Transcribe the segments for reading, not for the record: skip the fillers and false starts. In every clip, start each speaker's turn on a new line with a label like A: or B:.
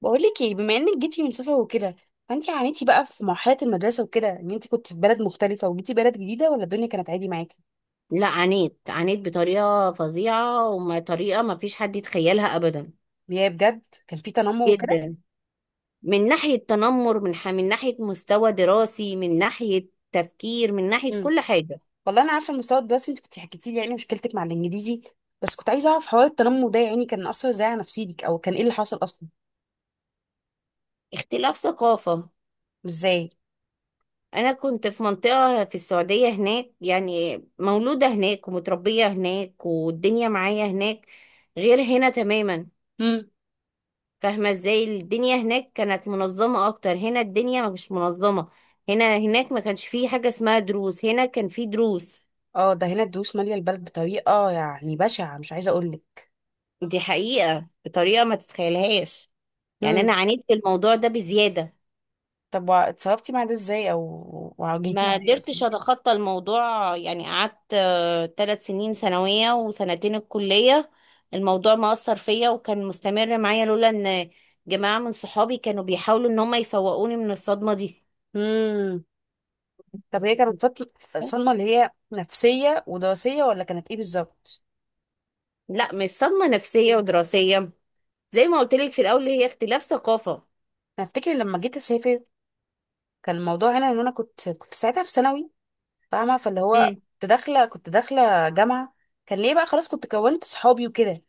A: بقولك ايه، بما انك جيتي من سفر وكده، فانت عانيتي بقى في مرحله المدرسه وكده ان انت كنت في بلد مختلفه وجيتي بلد جديده، ولا الدنيا كانت عادي معاكي؟
B: لا، عانيت بطريقة فظيعة وطريقة ما فيش حد يتخيلها أبدا.
A: اللي هي بجد كان في تنمر وكده؟
B: جدا. من ناحية تنمر من ناحية مستوى دراسي، من ناحية تفكير، من ناحية
A: مم.
B: كل حاجة.
A: والله انا عارفه المستوى الدراسي، انت كنت حكيتي لي يعني مشكلتك مع الانجليزي. بس كنت عايزه اعرف حوار التنمر ده، يعني كان اثر ازاي على نفسيتك، او كان ايه اللي حصل اصلا؟
B: اختلاف ثقافة.
A: ازاي؟
B: أنا كنت في منطقة في السعودية، هناك يعني مولودة هناك ومتربية هناك والدنيا معايا هناك غير هنا تماما.
A: مم.
B: فاهمة ازاي؟ الدنيا هناك كانت منظمة اكتر، هنا الدنيا ما مش منظمة. هنا هناك ما كانش فيه حاجة اسمها دروس، هنا كان فيه دروس.
A: اه، ده هنا الدروس ماليه البلد بطريقه يعني بشعه، مش عايزه اقولك.
B: دي حقيقة بطريقة ما تتخيلهاش. يعني انا
A: امم.
B: عانيت في الموضوع ده بزيادة.
A: طب، وع- اتصرفتي مع ده ازاي، او واجهتيه
B: ما
A: ازاي؟
B: قدرتش اتخطى الموضوع، يعني قعدت 3 سنين ثانوية وسنتين الكلية. الموضوع ما اثر فيا وكان مستمر معايا، لولا ان جماعة من صحابي كانوا بيحاولوا ان هم يفوقوني من الصدمة دي.
A: اصلا. طب هي كانت فترة صدمة اللي هي نفسية ودراسية، ولا كانت ايه بالظبط؟
B: لا، مش صدمة نفسية ودراسية، زي ما قلت لك في الأول هي اختلاف ثقافة.
A: انا افتكر لما جيت اسافر كان الموضوع هنا ان انا كنت ساعتها في ثانوي، فاهمة، فاللي هو
B: امم.
A: كنت داخلة جامعة. كان ليه بقى خلاص كنت كونت صحابي وكده،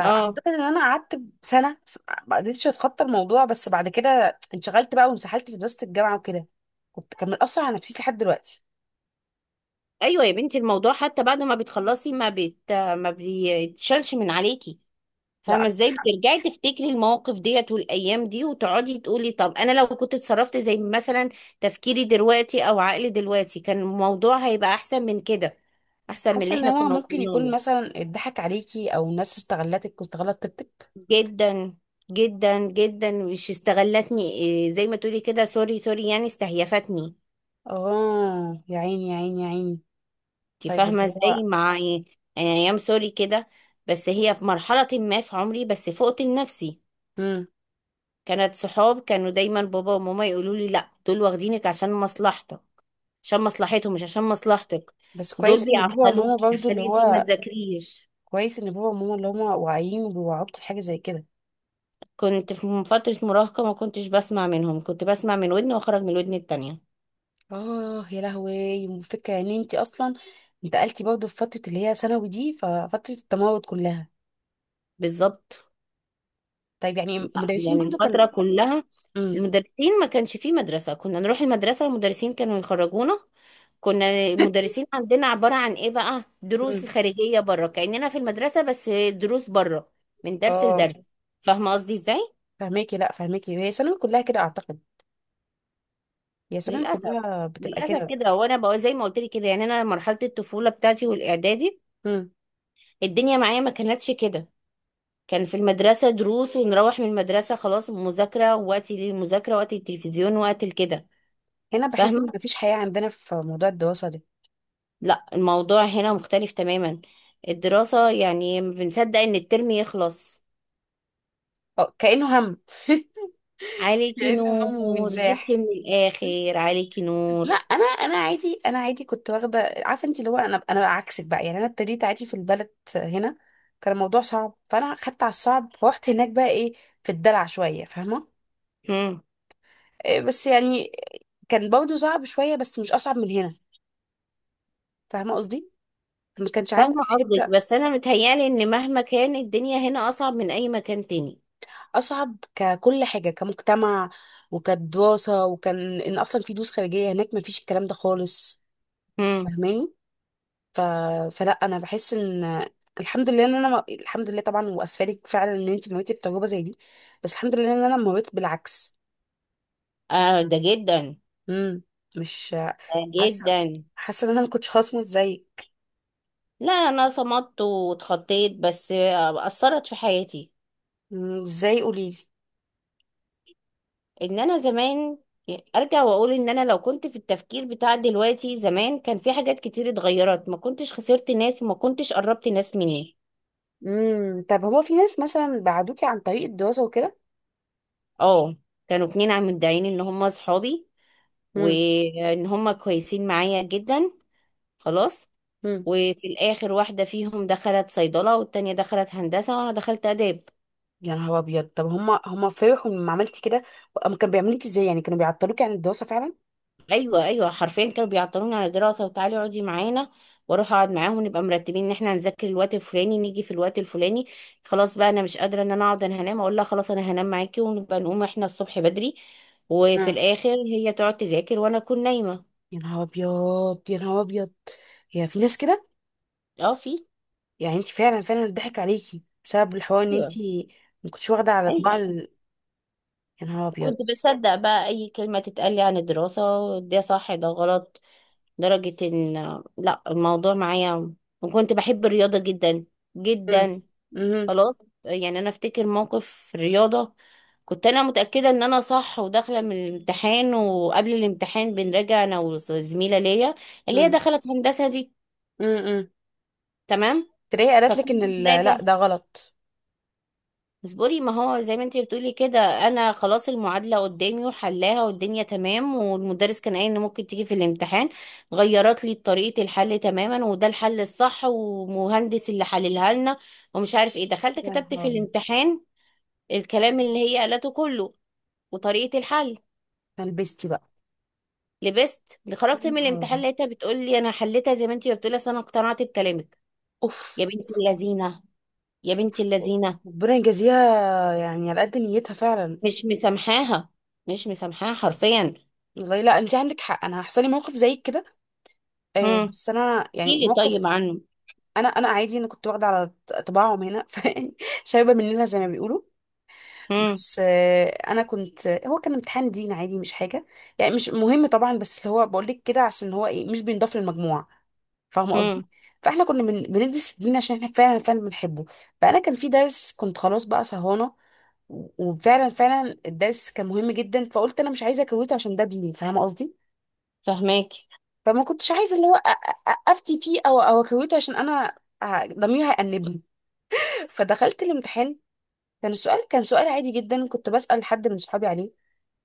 B: اه.
A: ان انا قعدت سنة ما قدرتش اتخطى الموضوع، بس بعد كده انشغلت بقى وانسحلت في دراسة الجامعة وكده. كنت كان مأثر على نفسيتي لحد دلوقتي.
B: ايوه يا بنتي، الموضوع حتى بعد ما بتخلصي، ما بيتشالش من عليكي.
A: لا.
B: فاهمة ازاي؟ بترجعي تفتكري المواقف ديت والأيام دي وتقعدي تقولي طب أنا لو كنت اتصرفت زي مثلا تفكيري دلوقتي أو عقلي دلوقتي، كان الموضوع هيبقى أحسن من كده، أحسن من
A: حاسة
B: اللي
A: ان
B: احنا
A: هو
B: كنا
A: ممكن
B: وصلنا
A: يكون
B: له.
A: مثلا اتضحك عليكي، او الناس استغلتك واستغلت طيبتك.
B: جدا. جدا جدا، مش استغلتني إيه، زي ما تقولي كده، سوري سوري، يعني استهيفتني.
A: اه، يا عيني يا عيني يا عيني.
B: انت
A: طيب اللي
B: فاهمه ازاي
A: هو...
B: مع يعني؟ ايام سوري كده. بس هي في مرحله ما في عمري بس فقت لنفسي.
A: امم.
B: كانت صحاب، كانوا دايما بابا وماما يقولوا لي لا دول واخدينك عشان مصلحتك، عشان مصلحتهم مش عشان مصلحتك.
A: بس
B: دول
A: كويس ان بابا وماما
B: بيعطلوكي
A: برضو
B: عشان
A: اللي
B: انتي ما
A: هو...
B: تذاكريش.
A: كويس ان بابا وماما اللي هما واعيين وبيوعوك في حاجه زي كده.
B: كنت في فتره مراهقه، ما كنتش بسمع منهم، كنت بسمع من ودن واخرج من الودن التانية.
A: اه يا لهوي، فكره ان انت اصلا انتقلتي برضو في فتره اللي هي ثانوي دي، ففتره التمرد كلها.
B: بالظبط.
A: طيب يعني
B: لا،
A: المدرسين
B: يعني
A: برضو كانوا...
B: الفتره كلها.
A: امم.
B: المدرسين ما كانش فيه مدرسه، كنا نروح المدرسه والمدرسين كانوا يخرجونا. كنا المدرسين عندنا عبارة عن ايه بقى، دروس
A: امم.
B: خارجية بره، كأننا في المدرسة بس دروس بره. من درس
A: اه.
B: لدرس. فاهمة قصدي ازاي؟
A: فهماكي، لا فهماكي، هي ثانوي كلها كده اعتقد. هي ثانوي
B: للأسف.
A: كلها بتبقى
B: للأسف
A: كده.
B: كده، وانا بقى زي ما قلت لك كده، يعني انا مرحلة الطفولة بتاعتي والإعدادي
A: امم.
B: الدنيا معايا ما كانتش كده. كان في المدرسة دروس ونروح من المدرسة خلاص، مذاكرة، وقتي للمذاكرة وقت التلفزيون وقت كده.
A: هنا بحس ان
B: فاهمة.
A: مفيش حياه عندنا في موضوع الدراسه ده.
B: لا، الموضوع هنا مختلف تماما. الدراسة يعني بنصدق ان الترم يخلص،
A: اه، كانه هم.
B: عليكي
A: كانه هم
B: نور جبتي من
A: وانزاح.
B: الآخر، عليكي نور.
A: لا، انا انا عادي، انا عادي كنت واخده، عارفه انت اللي هو، انا عكسك بقى، يعني انا ابتديت عادي في البلد هنا. كان الموضوع صعب، فانا خدت على الصعب، فروحت هناك بقى ايه، في الدلع شويه فاهمه.
B: هم.
A: إيه بس يعني كان برضه صعب شويه، بس مش اصعب من هنا، فاهمه قصدي، ما كانش عندي
B: فاهمة قصدك،
A: الحته.
B: بس أنا متهيألي إن مهما كان الدنيا هنا أصعب من أي مكان تاني.
A: اصعب ككل حاجه، كمجتمع وكدراسه، وكان ان اصلا في دروس خارجيه هناك ما فيش الكلام ده خالص.
B: هم.
A: فاهماني. ف... فلا انا بحس ان الحمد لله ان انا ما... الحمد لله طبعا، واسفلك فعلا ان انت مريتي بتجربه زي دي، بس الحمد لله ان انا مريت بالعكس.
B: آه ده جدا.
A: امم. مش
B: ده
A: حاسه،
B: جدا.
A: حاسه ان انا ما كنتش هصمت زيك.
B: لا، أنا صمدت واتخطيت، بس آه، أثرت في حياتي.
A: مم، ازاي قولي لي؟
B: إن أنا زمان أرجع وأقول إن أنا لو كنت في التفكير بتاع دلوقتي زمان، كان في حاجات كتير اتغيرت، ما كنتش خسرت ناس وما كنتش قربت ناس مني.
A: امم. طب هو في ناس مثلا بعدوكي عن طريق الدراسه وكده؟
B: اه. كانوا 2 عم مدعين إن هما صحابي،
A: مم.
B: وان هم كويسين معايا جدا. خلاص.
A: مم.
B: وفي الاخر، واحده فيهم دخلت صيدله والتانية دخلت هندسه وانا دخلت اداب.
A: يا نهار ابيض. طب هم فرحوا لما عملتي كده؟ هم كانوا بيعملوك ازاي يعني، كانوا بيعطلوكي عن الدراسه فعلا؟
B: ايوه ايوه، حرفيا كانوا بيعطلوني على دراسه، وتعالي اقعدي معانا، واروح اقعد معاهم ونبقى مرتبين ان احنا هنذاكر الوقت الفلاني، نيجي في الوقت الفلاني خلاص بقى انا مش قادره، ان انا اقعد انا هنام، اقول لها خلاص انا هنام معاكي ونبقى نقوم احنا الصبح بدري، وفي
A: آه.
B: الاخر هي تقعد تذاكر وانا اكون نايمه.
A: يا نهار ابيض يا نهار ابيض، هي في ناس كده.
B: اه في.
A: يعني انت فعلا فعلا ضحك عليكي بسبب الحوار، ان
B: ايوه
A: انت ما كنتش واخده على طباع
B: ايوه.
A: يا نهار ابيض.
B: وكنت بصدق بقى اي كلمة تتقال لي عن الدراسة، ده صح ده غلط، لدرجة ان لا الموضوع معايا. وكنت بحب الرياضة جدا.
A: امم.
B: جدا.
A: امم.
B: خلاص. يعني انا افتكر موقف في الرياضة، كنت انا متأكدة ان انا صح وداخلة من الامتحان، وقبل الامتحان بنراجع انا وزميلة ليا، اللي هي
A: امم.
B: دخلت هندسة دي.
A: امم.
B: تمام.
A: تلاقيها قالت لك
B: فكنا
A: ان لا
B: بنراجع،
A: ده غلط.
B: اصبري ما هو زي ما انتي بتقولي كده، انا خلاص المعادله قدامي وحلاها والدنيا تمام، والمدرس كان قايل ان ممكن تيجي في الامتحان. غيرت لي طريقه الحل تماما، وده الحل الصح ومهندس اللي حللها لنا، ومش عارف ايه. دخلت
A: يا
B: كتبت
A: نهار
B: في
A: ابيض.
B: الامتحان الكلام اللي هي قالته كله وطريقه الحل.
A: فلبستي بقى.
B: لبست. اللي
A: يا
B: خرجت من
A: نهار ابيض.
B: الامتحان لقيتها بتقول لي انا حليتها زي ما انتي بتقولي، اصل انا اقتنعت بكلامك.
A: اوف
B: يا بنت
A: اوف اوف.
B: اللذينه، يا بنت
A: اوف اوف.
B: اللذينه.
A: ربنا يجازيها. يعني على قد نيتها فعلا.
B: مش مسامحاها، مش مسامحاها حرفيا.
A: والله، لا انت عندك حق، انا هيحصل لي موقف زي كده. آه بس انا
B: احكي
A: يعني
B: لي طيب
A: موقف.
B: عنه.
A: انا عادي، انا كنت واخده على طباعهم هنا فشايبه مننا زي ما بيقولوا.
B: امم.
A: بس انا كنت، هو كان امتحان دين عادي، مش حاجه يعني، مش مهم طبعا، بس اللي هو بقول لك كده عشان هو ايه، مش بينضاف للمجموع، فاهمه قصدي.
B: امم.
A: فاحنا كنا من بندرس الدين عشان احنا فعلا فعلا بنحبه. فانا كان في درس كنت خلاص بقى سهرانه، وفعلا فعلا الدرس كان مهم جدا، فقلت انا مش عايزه اكويته عشان ده ديني، فاهمه قصدي.
B: فهماكي.
A: فما كنتش عايزه اللي هو افتي فيه او اكويته، عشان انا ضميري هيأنبني. فدخلت الامتحان، كان السؤال كان سؤال عادي جدا، كنت بسأل حد من صحابي عليه،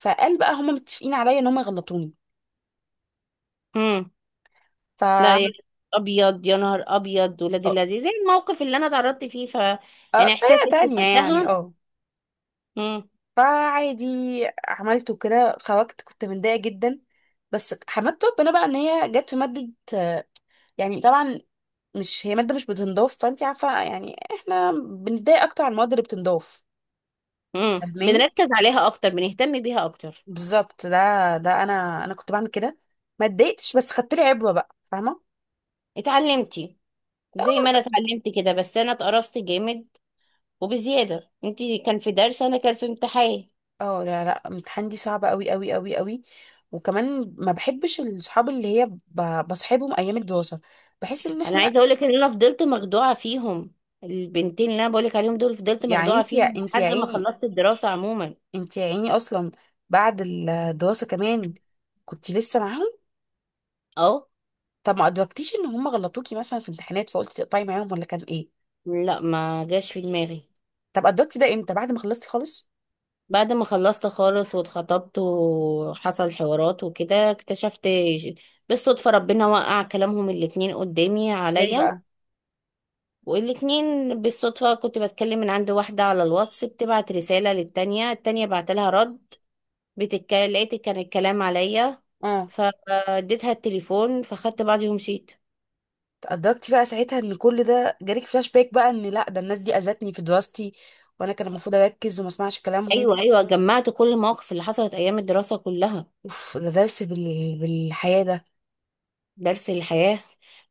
A: فقال بقى هما متفقين عليا ان هما يغلطوني.
B: امم.
A: ف
B: لا
A: اه،
B: يا نهار ابيض ولاد اللذيذ، زي الموقف اللي انا اتعرضت فيه يعني
A: طريقة
B: احساسك
A: تانية يعني
B: وقتها.
A: اه.
B: امم.
A: فعادي، عملته كده، خرجت كنت متضايقة جدا، بس حمدت ربنا بقى ان هي جت في مادة، يعني طبعا مش هي مادة مش بتنضاف، فانت عارفة يعني احنا بنتضايق اكتر على المواد اللي بتنضاف.
B: امم.
A: فاهماني
B: بنركز عليها اكتر، بنهتم بيها اكتر.
A: بالظبط، ده ده انا كنت بعمل كده، ما اتضايقتش بس خدت لي عبرة بقى، فاهمة.
B: اتعلمتي، زي ما انا اتعلمت كده، بس انا اتقرصت جامد وبزياده انت. كان في درس، انا كان في امتحان.
A: اه لا لا، امتحان دي صعبة قوي قوي قوي قوي. وكمان ما بحبش الصحاب اللي هي بصحابهم ايام الدراسة. بحس ان
B: انا
A: احنا
B: عايزه اقول لك ان انا فضلت مخدوعه فيهم، البنتين اللي انا بقول لك عليهم دول فضلت
A: يعني
B: مخدوعه
A: انت، يا
B: فيهم
A: انت يا
B: لحد ما
A: عيني،
B: خلصت الدراسه عموما.
A: انت يا عيني اصلا، بعد الدراسة كمان كنت لسه معاهم.
B: اه.
A: طب ما ادركتيش ان هم غلطوكي مثلا في امتحانات، فقلتي تقطعي معاهم، ولا كان ايه؟
B: لا ما جاش في دماغي.
A: طب ادركتي ده امتى، بعد ما خلصتي خالص؟
B: بعد ما خلصت خالص واتخطبت وحصل حوارات وكده اكتشفت بالصدفة، ربنا وقع كلامهم ال2 قدامي
A: ازاي
B: عليا.
A: بقى؟
B: والاتنين بالصدفة كنت بتكلم من عند واحدة على الواتس بتبعت رسالة للتانية، التانية بعتلها رد، لقيت كان الكلام عليا.
A: اه.
B: فاديتها التليفون فخدت بعضي ومشيت.
A: ادركتي بقى ساعتها ان كل ده جالك فلاش باك بقى، ان لا ده الناس دي اذتني في دراستي، وانا كان المفروض اركز وما اسمعش كلامهم.
B: ايوه ايوه، جمعت كل المواقف اللي حصلت ايام الدراسة كلها.
A: اوف، ده درس بالحياة ده.
B: درس الحياة.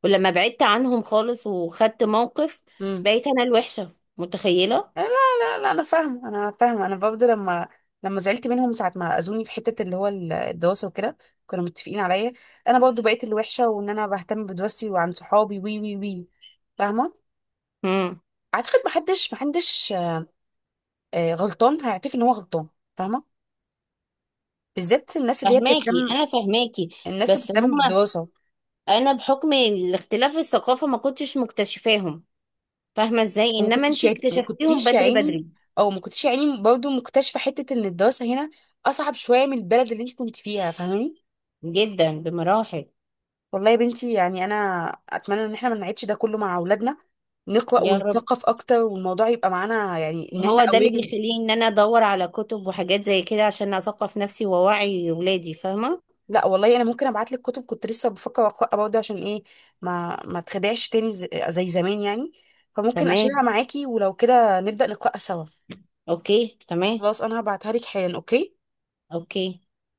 B: ولما بعدت عنهم خالص وخدت موقف،
A: امم.
B: بقيت أنا الوحشة متخيلة؟
A: لا لا لا، انا فاهمه، انا فاهمه، انا برضه لما زعلت منهم ساعه ما اذوني في حته اللي هو الدراسه وكده، كانوا متفقين عليا. انا برضه بقيت الوحشه، وان انا بهتم بدراستي وعن صحابي، وي وي وي، فاهمه.
B: مم.
A: اعتقد محدش غلطان هيعترف ان هو غلطان، فاهمه. بالذات الناس اللي هي
B: فهماكي،
A: بتهتم،
B: انا فهماكي.
A: الناس اللي
B: بس
A: بتهتم
B: هما،
A: بالدراسه.
B: أنا بحكم الاختلاف الثقافة ما كنتش مكتشفاهم. فاهمة إزاي؟
A: وما
B: إنما
A: كنتش
B: أنتي
A: ما
B: اكتشفتيهم
A: كنتيش يا
B: بدري
A: عيني،
B: بدري.
A: او ما كنتش يا عيني برضه مكتشفه حته ان الدراسه هنا اصعب شويه من البلد اللي انت كنت فيها، فاهماني.
B: جدا بمراحل.
A: والله يا بنتي، يعني انا اتمنى ان احنا ما نعيدش ده كله مع اولادنا، نقرا
B: يا رب.
A: ونتثقف اكتر، والموضوع يبقى معانا، يعني ان احنا
B: هو ده اللي
A: قويين.
B: بيخليني إن أنا أدور على كتب وحاجات زي كده، عشان أثقف نفسي وأوعي ولادي، فاهمة؟
A: لا والله، انا ممكن ابعت لك كتب كنت لسه بفكر اقراها برضه، عشان ايه، ما تخدعش تاني زي زمان يعني. فممكن اشيلها
B: تمام.
A: معاكي، ولو كده نبدا نقراها سوا.
B: أوكي تمام.
A: خلاص، انا هبعتها لك حالا اوكي.
B: أوكي.